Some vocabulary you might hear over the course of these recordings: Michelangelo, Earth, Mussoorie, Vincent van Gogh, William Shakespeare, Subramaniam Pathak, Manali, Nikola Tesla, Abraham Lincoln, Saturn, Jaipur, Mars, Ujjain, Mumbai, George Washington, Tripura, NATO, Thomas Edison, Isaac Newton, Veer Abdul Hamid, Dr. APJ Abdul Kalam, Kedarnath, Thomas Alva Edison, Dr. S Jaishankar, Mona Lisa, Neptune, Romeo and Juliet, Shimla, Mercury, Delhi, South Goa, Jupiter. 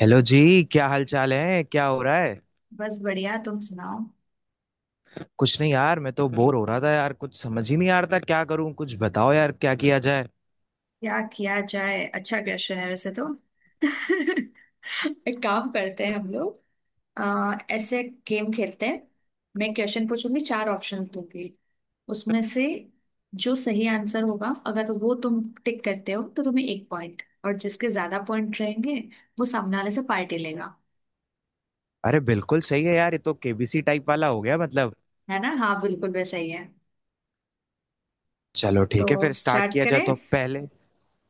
Hello जी। क्या हाल चाल है, क्या हो रहा है? बस बढ़िया। तुम सुनाओ। कुछ नहीं यार, मैं तो बोर हो रहा था यार, कुछ समझ ही नहीं आ रहा था क्या करूं। कुछ बताओ यार, क्या किया जाए? क्या किया जाए? अच्छा क्वेश्चन है वैसे तो। एक काम करते हैं हम लोग, ऐसे गेम खेलते हैं। मैं क्वेश्चन पूछूंगी, चार ऑप्शन दूंगी। उसमें से जो सही आंसर होगा, अगर वो तुम टिक करते हो तो तुम्हें एक पॉइंट। और जिसके ज्यादा पॉइंट रहेंगे वो सामने वाले से पार्टी लेगा। अरे बिल्कुल सही है यार, ये तो केबीसी टाइप वाला हो गया मतलब। है ना? हाँ, बिल्कुल वैसा ही है। चलो तो ठीक है, फिर स्टार्ट स्टार्ट किया जाए करें? तो पहले।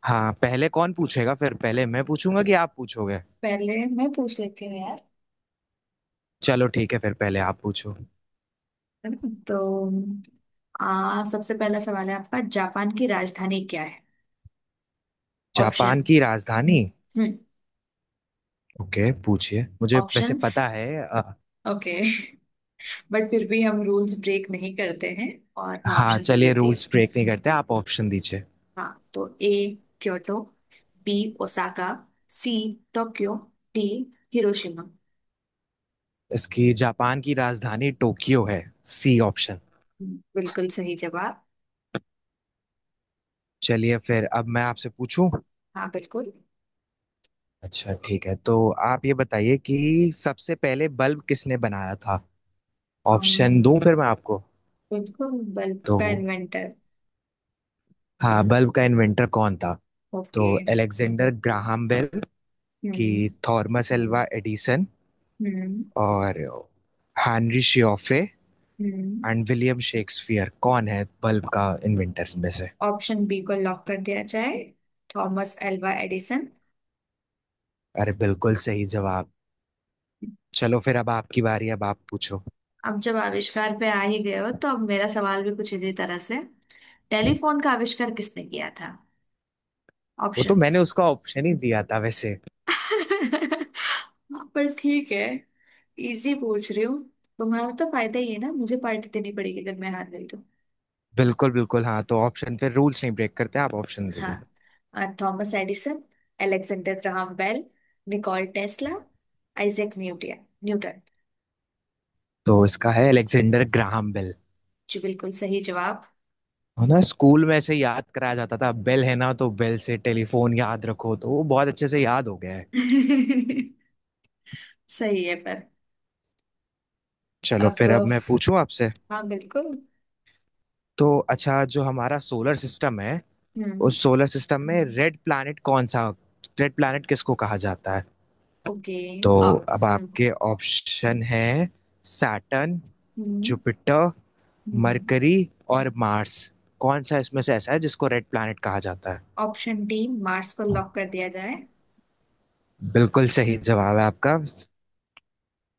हाँ, पहले कौन पूछेगा? फिर पहले मैं पूछूंगा कि आप पूछोगे। पहले मैं पूछ लेती हूँ यार। चलो ठीक है, फिर पहले आप पूछो। है ना? तो सबसे पहला सवाल है आपका, जापान की राजधानी क्या है? Japan option. की राजधानी। हम्म। ओके पूछिए, मुझे वैसे ऑप्शंस। पता है ओके। बट फिर भी हम रूल्स ब्रेक नहीं करते हैं। और मैं हाँ ऑप्शन दे चलिए, देती हूँ। रूल्स ब्रेक नहीं करते, आप ऑप्शन दीजिए। हाँ, तो A Kyoto, B Osaka, C Tokyo, D Hiroshima. इसकी जापान की राजधानी टोक्यो है। C option. बिल्कुल सही जवाब। चलिए फिर अब मैं आपसे पूछूं। हाँ, बिल्कुल। अच्छा ठीक है, तो आप ये बताइए कि सबसे पहले बल्ब किसने बनाया था? ऑप्शन अम, दूं फिर मैं आपको। बिल्कुल। बल्ब तो का इन्वेंटर। हाँ, बल्ब का इन्वेंटर कौन था? तो ओके। एलेक्जेंडर ग्राहम बेल की, हम्म। थॉमस एल्वा एडिसन, हम्म। और हेनरी श्योफ्रे हम्म। And William Shakespeare. कौन है बल्ब का इन्वेंटर में से? ऑप्शन बी को लॉक कर दिया जाए। Thomas Alva Edison. अरे बिल्कुल सही जवाब। चलो फिर, अब आपकी बारी, अब आप पूछो। अब जब आविष्कार पे आ ही गए हो तो अब मेरा सवाल भी कुछ इसी तरह से। टेलीफोन का आविष्कार किसने किया था? वो तो ऑप्शंस। मैंने उसका ऑप्शन ही दिया था वैसे। पर ठीक है। इजी पूछ रही हूँ। तुम्हारा तो फायदा ही है ना, मुझे पार्टी देनी पड़ेगी अगर मैं हार गई तो। बिल्कुल बिल्कुल, हाँ तो ऑप्शन पे रूल्स नहीं ब्रेक करते, आप ऑप्शन दे दीजिए। हाँ, Thomas Edison, Alexander Graham Bell, Nikola Tesla, Isaac Newton Newton. तो इसका है अलेक्जेंडर ग्राहम बेल। जी, बिल्कुल सही जवाब। है ना, स्कूल में ऐसे याद कराया जाता था, बेल है ना, तो बेल से टेलीफोन याद रखो, तो वो बहुत अच्छे से याद हो गया है। सही है पर। चलो अब फिर अब मैं पूछूं आपसे। हाँ, बिल्कुल। तो अच्छा, जो हमारा सोलर सिस्टम है, हम्म। उस सोलर सिस्टम में रेड प्लैनेट कौन सा? रेड प्लैनेट किसको कहा जाता है? ओके। तो आप। अब हम्म। आपके ऑप्शन है: सैटर्न, हम्म। जुपिटर, हम्म। मरकरी और मार्स। कौन सा इसमें से ऐसा है जिसको रेड प्लैनेट कहा जाता है? ऑप्शन डी मार्स को लॉक कर दिया जाए। बिल्कुल सही जवाब है आपका।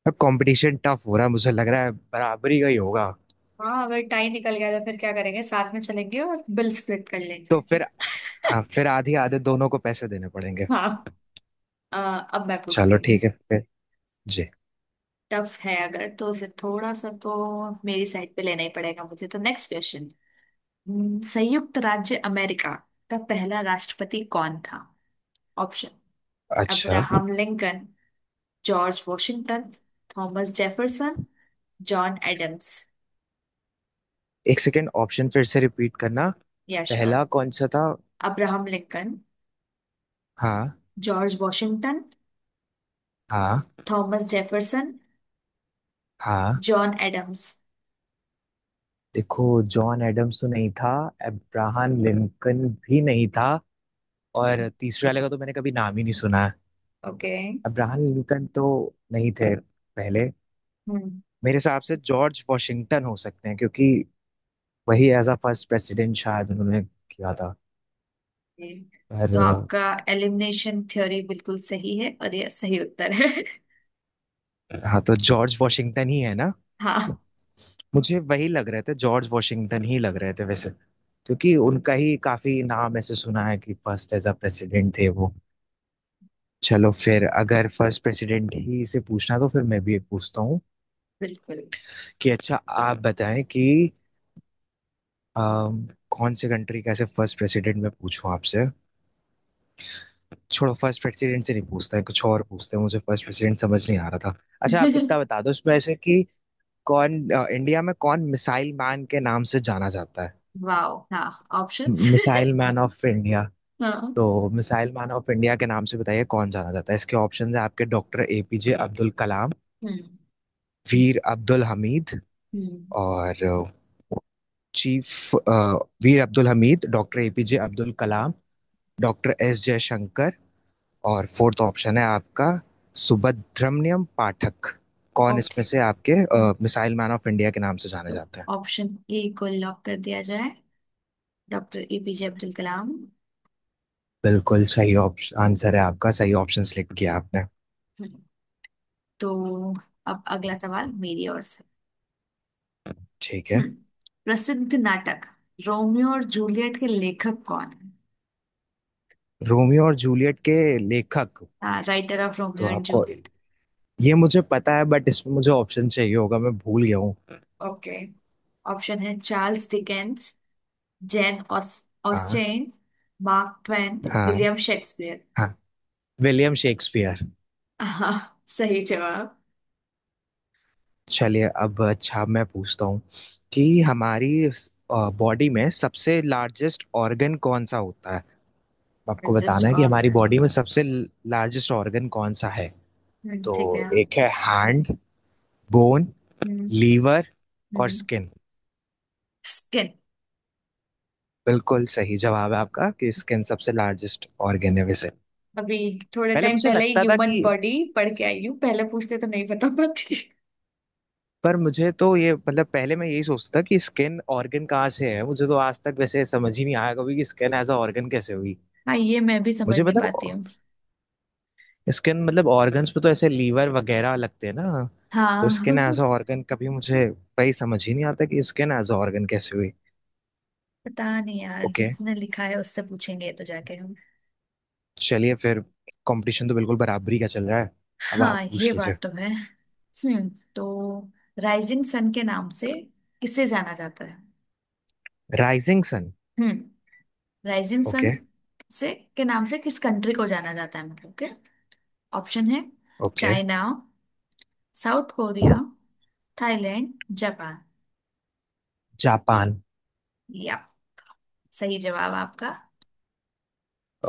अब कंपटीशन टफ हो रहा है, मुझे लग रहा है बराबरी का ही होगा। हाँ, अगर टाई निकल गया तो फिर क्या करेंगे? साथ में चलेंगे और बिल स्प्लिट कर तो लेंगे। फिर। हाँ, फिर आधी आधे दोनों को पैसे देने पड़ेंगे। हाँ। अ, अब मैं पूछती चलो हूँ। ठीक है फिर। जी। टफ है अगर तो उसे थोड़ा सा तो मेरी साइड पे लेना ही पड़ेगा मुझे। तो नेक्स्ट क्वेश्चन। संयुक्त राज्य अमेरिका का पहला राष्ट्रपति कौन था? ऑप्शन: अच्छा। Abraham Lincoln, George Washington, Thomas Jefferson, John Adams. एक सेकेंड, ऑप्शन फिर से रिपीट करना। यशर। पहला कौन सा था? Abraham Lincoln. हाँ। George Washington. हाँ। Thomas Jefferson. हाँ। John Adams. देखो, जॉन एडम्स तो नहीं था। अब्राहम लिंकन भी नहीं था। और तीसरे वाले का तो मैंने कभी नाम ही नहीं सुना है। ओके। अब्राहम न्यूटन तो नहीं थे पहले। हम्म। मेरे हिसाब से जॉर्ज वॉशिंगटन हो सकते हैं, क्योंकि वही एज अ फर्स्ट प्रेसिडेंट शायद उन्होंने किया था। Okay. Hmm. तो पर आपका एलिमिनेशन थ्योरी बिल्कुल सही है, और यह सही उत्तर है। हाँ तो जॉर्ज वॉशिंगटन ही है ना। हाँ, मुझे वही लग रहे थे, जॉर्ज वॉशिंगटन ही लग रहे थे वैसे, क्योंकि उनका ही काफी नाम ऐसे सुना है कि फर्स्ट एज अ प्रेसिडेंट थे वो। चलो फिर, अगर फर्स्ट प्रेसिडेंट ही से पूछना तो फिर मैं भी एक पूछता हूँ बिल्कुल। कि अच्छा आप बताएं कि कौन से कंट्री का ऐसे फर्स्ट प्रेसिडेंट मैं पूछूं आपसे। छोड़ो, फर्स्ट प्रेसिडेंट से नहीं पूछते हैं, कुछ और पूछते हैं, मुझे फर्स्ट प्रेसिडेंट समझ नहीं आ रहा था। अच्छा आप इतना बता दो उसमें ऐसे कि कौन, इंडिया में कौन मिसाइल मैन के नाम से जाना जाता है? वाओ, हाँ। Options. Missile man of India. हाँ। तो मिसाइल मैन ऑफ इंडिया के नाम से बताइए कौन जाना जाता है। इसके ऑप्शन है आपके: डॉक्टर एपीजे अब्दुल कलाम, हम्म। वीर अब्दुल हमीद, हम्म। और चीफ, वीर Abdul Hamid, doctor APJ Abdul Kalam, doctor S Jaishankar, और फोर्थ ऑप्शन है आपका सुब्रमण्यम पाठक। कौन इसमें ओके, से आपके मिसाइल मैन ऑफ इंडिया के नाम से जाने तो जाते हैं? ऑप्शन ए को लॉक कर दिया जाए। Doctor APJ Abdul Kalam. बिल्कुल सही ऑप्शन, आंसर है आपका, सही ऑप्शन सिलेक्ट किया आपने। हम्म, तो अब अगला सवाल मेरी ओर से। ठीक है। हम्म प्रसिद्ध नाटक रोमियो और जूलियट के लेखक कौन है? रोमियो और जूलियट के लेखक। हाँ, राइटर ऑफ तो रोमियो एंड आपको, जूलियट। ये मुझे पता है बट इसमें मुझे ऑप्शन चाहिए होगा, मैं भूल गया हूँ। ओके। ऑप्शन है: चार्ल्स डिकेंस, जैन ऑस हाँ। ऑस्टेन, मार्क ट्वेन, हाँ। William Shakespeare. हाँ। William Shakespeare. हाँ, सही जवाब। चलिए अब, अच्छा मैं पूछता हूँ कि हमारी बॉडी में सबसे लार्जेस्ट ऑर्गन कौन सा होता है। आपको एडजस्ट बताना है कि और हमारी है। बॉडी में सबसे लार्जेस्ट ऑर्गन कौन सा है। तो ठीक है। एक है हैंड, बोन, हम्म। लीवर और हम्म स्किन। स्किन। बिल्कुल सही जवाब है आपका कि स्किन सबसे लार्जेस्ट ऑर्गन है वैसे। अभी थोड़े पहले टाइम मुझे पहले ही लगता था कि, ह्यूमन बॉडी पढ़ के आई हूँ। पहले पूछते तो नहीं बता पाती। पर मुझे तो ये मतलब, पहले मैं यही सोचता था कि स्किन ऑर्गन कहाँ से है, मुझे तो आज तक वैसे समझ ही नहीं आया कभी कि स्किन एज अ ऑर्गन कैसे हुई। हाँ, ये मैं भी समझ मुझे नहीं मतलब, पाती हूँ। स्किन मतलब ऑर्गन्स पे तो ऐसे लीवर वगैरह लगते हैं ना। तो हाँ। स्किन एज अ ऑर्गन कभी मुझे, वही समझ ही नहीं आता कि स्किन एज अ ऑर्गन कैसे हुई। पता नहीं यार, ओके, जिसने लिखा है उससे पूछेंगे तो जाके हम। चलिए फिर। कंपटीशन तो बिल्कुल बराबरी का चल रहा है। अब आप हाँ, ये पूछ लीजिए। बात तो है। हम्म तो राइजिंग सन के नाम से किसे जाना जाता है? Rising sun. हम्म। Rising sun. ओके। से के नाम से किस कंट्री को जाना जाता है, मतलब के। ऑप्शन है: okay, China, South Korea, Thailand, Japan. Japan. या। सही जवाब आपका।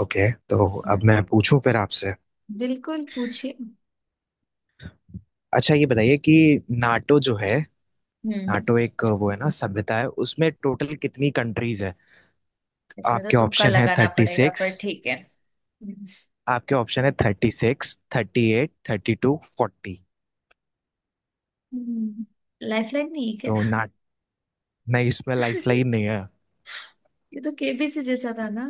ओके, तो अब हम्म मैं पूछूं फिर आपसे। बिल्कुल पूछिए। अच्छा ये बताइए कि नाटो जो है, हम्म नाटो एक वो है ना सभ्यता है, उसमें टोटल कितनी कंट्रीज है? इसमें तो आपके तुक्का ऑप्शन है लगाना थर्टी पड़ेगा, सिक्स। पर ठीक है। आपके ऑप्शन है: thirty six, thirty eight, thirty two, forty. हम्म, लाइफलाइन नहीं है। तो ना, नहीं इसमें लाइफ क्या? लाइन नहीं है। ये तो केबीसी जैसा था ना?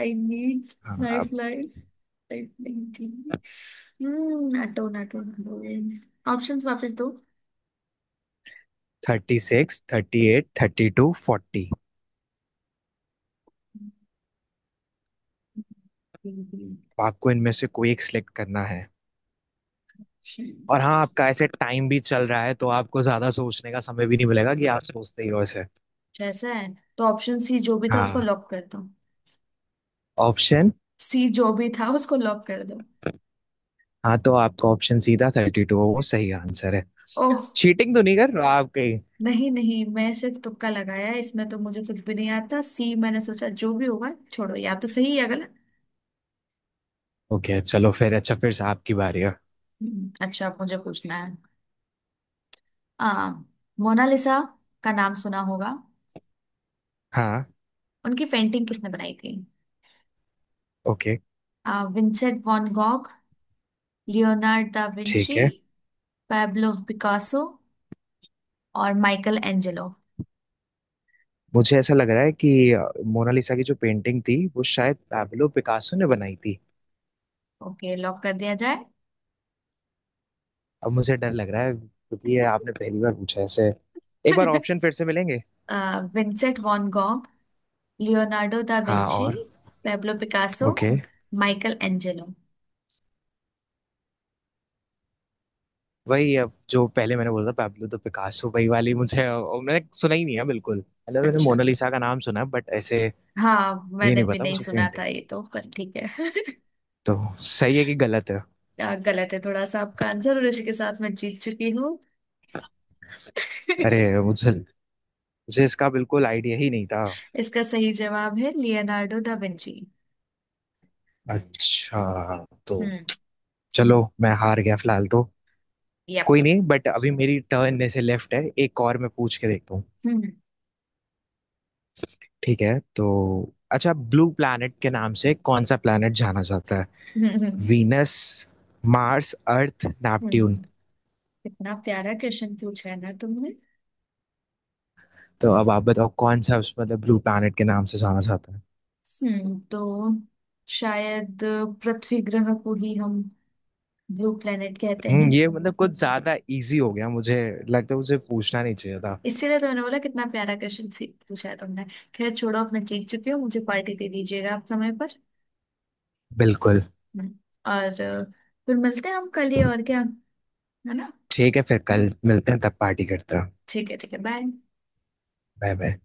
आई नीड हाँ लाइफ। अब। लाइफ लाइफ नहीं थी। हम्म। नाटो नाटो नाटो, ऑप्शंस वापस दो। Thirty six, thirty eight, thirty two, forty. Options. आपको इनमें से कोई एक सिलेक्ट करना है। और हाँ, आपका ऐसे टाइम भी चल रहा है, तो आपको ज्यादा सोचने का समय भी नहीं मिलेगा कि आप सोचते ही हो ऐसे। जैसा है, तो ऑप्शन सी जो भी था उसको हाँ। लॉक कर दो। ऑप्शन। सी जो भी था उसको लॉक कर दो। हाँ तो आपका ऑप्शन सीधा थर्टी टू, वो सही आंसर है। ओह। चीटिंग तो नहीं कर रहा आप कहीं? नहीं नहीं, मैं सिर्फ तुक्का लगाया है, इसमें तो मुझे कुछ भी नहीं आता। सी मैंने सोचा जो भी होगा, छोड़ो, या तो सही या गलत। ओके चलो फिर, अच्छा फिर से आपकी बारी है। अच्छा, अब मुझे पूछना है। आ मोनालिसा का नाम सुना होगा। हाँ। उनकी पेंटिंग किसने बनाई थी? Okay. Vincent van Gogh, Leonard da Vinci, ठीक है। पैब्लो पिकासो और माइकल एंजेलो। मुझे ऐसा लग रहा है कि मोनालिसा की जो पेंटिंग थी वो शायद पाब्लो पिकासो ने बनाई थी। ओके, लॉक कर दिया जाए। अब मुझे डर लग रहा है क्योंकि ये आपने पहली बार पूछा ऐसे। एक बार ऑप्शन फिर से मिलेंगे। Vincent van Gogh, Leonardo da हाँ विंची, और। Pablo Picasso, okay. Michelangelo. वही अब जो पहले मैंने बोला था पैब्लो द पिकासो वही वाली मुझे, और मैंने सुना ही नहीं है बिल्कुल, मतलब मैंने अच्छा। मोनालिसा का नाम सुना है बट ऐसे। हाँ, ये मैंने नहीं भी पता नहीं मुझे सुना पेंटिंग। था ये तो, पर ठीक है। तो सही है कि गलत है? गलत है थोड़ा सा आपका आंसर, और इसी के साथ मैं जीत चुकी हूँ। अरे मुझे मुझे इसका बिल्कुल आइडिया ही नहीं था। इसका सही जवाब है लियोनार्डो दा विंची। अच्छा तो। हम्म। चलो मैं हार गया फिलहाल तो। यप। कोई नहीं, बट अभी मेरी टर्न में से लेफ्ट है एक, और मैं पूछ के देखता हूँ। हम्म। ठीक है तो अच्छा, ब्लू प्लैनेट के नाम से कौन सा प्लैनेट जाना जाता है? हम्म। हम्म। वीनस, मार्स, अर्थ, हम्म। नेपट्यून। कितना प्यारा क्वेश्चन पूछा है ना तुमने। तो अब आप बताओ कौन सा उस, मतलब ब्लू प्लैनेट के नाम से जाना जाता है? तो शायद पृथ्वी ग्रह को ही हम ब्लू प्लेनेट कहते हम्म, हैं। ये मतलब कुछ ज्यादा इजी हो गया, मुझे लगता है मुझे पूछना नहीं चाहिए था। इसीलिए तुमने बोला कितना प्यारा क्वेश्चन पूछा है तुमने। खैर छोड़ो, अब मैं जीत चुकी हूँ, मुझे पार्टी दे दीजिएगा आप समय पर। बिल्कुल। हम्म, और फिर मिलते हैं हम कल ही और क्या है ना। ठीक है फिर कल मिलते हैं, तब पार्टी करते हैं। ठीक है, ठीक है, बाय। Bye bye.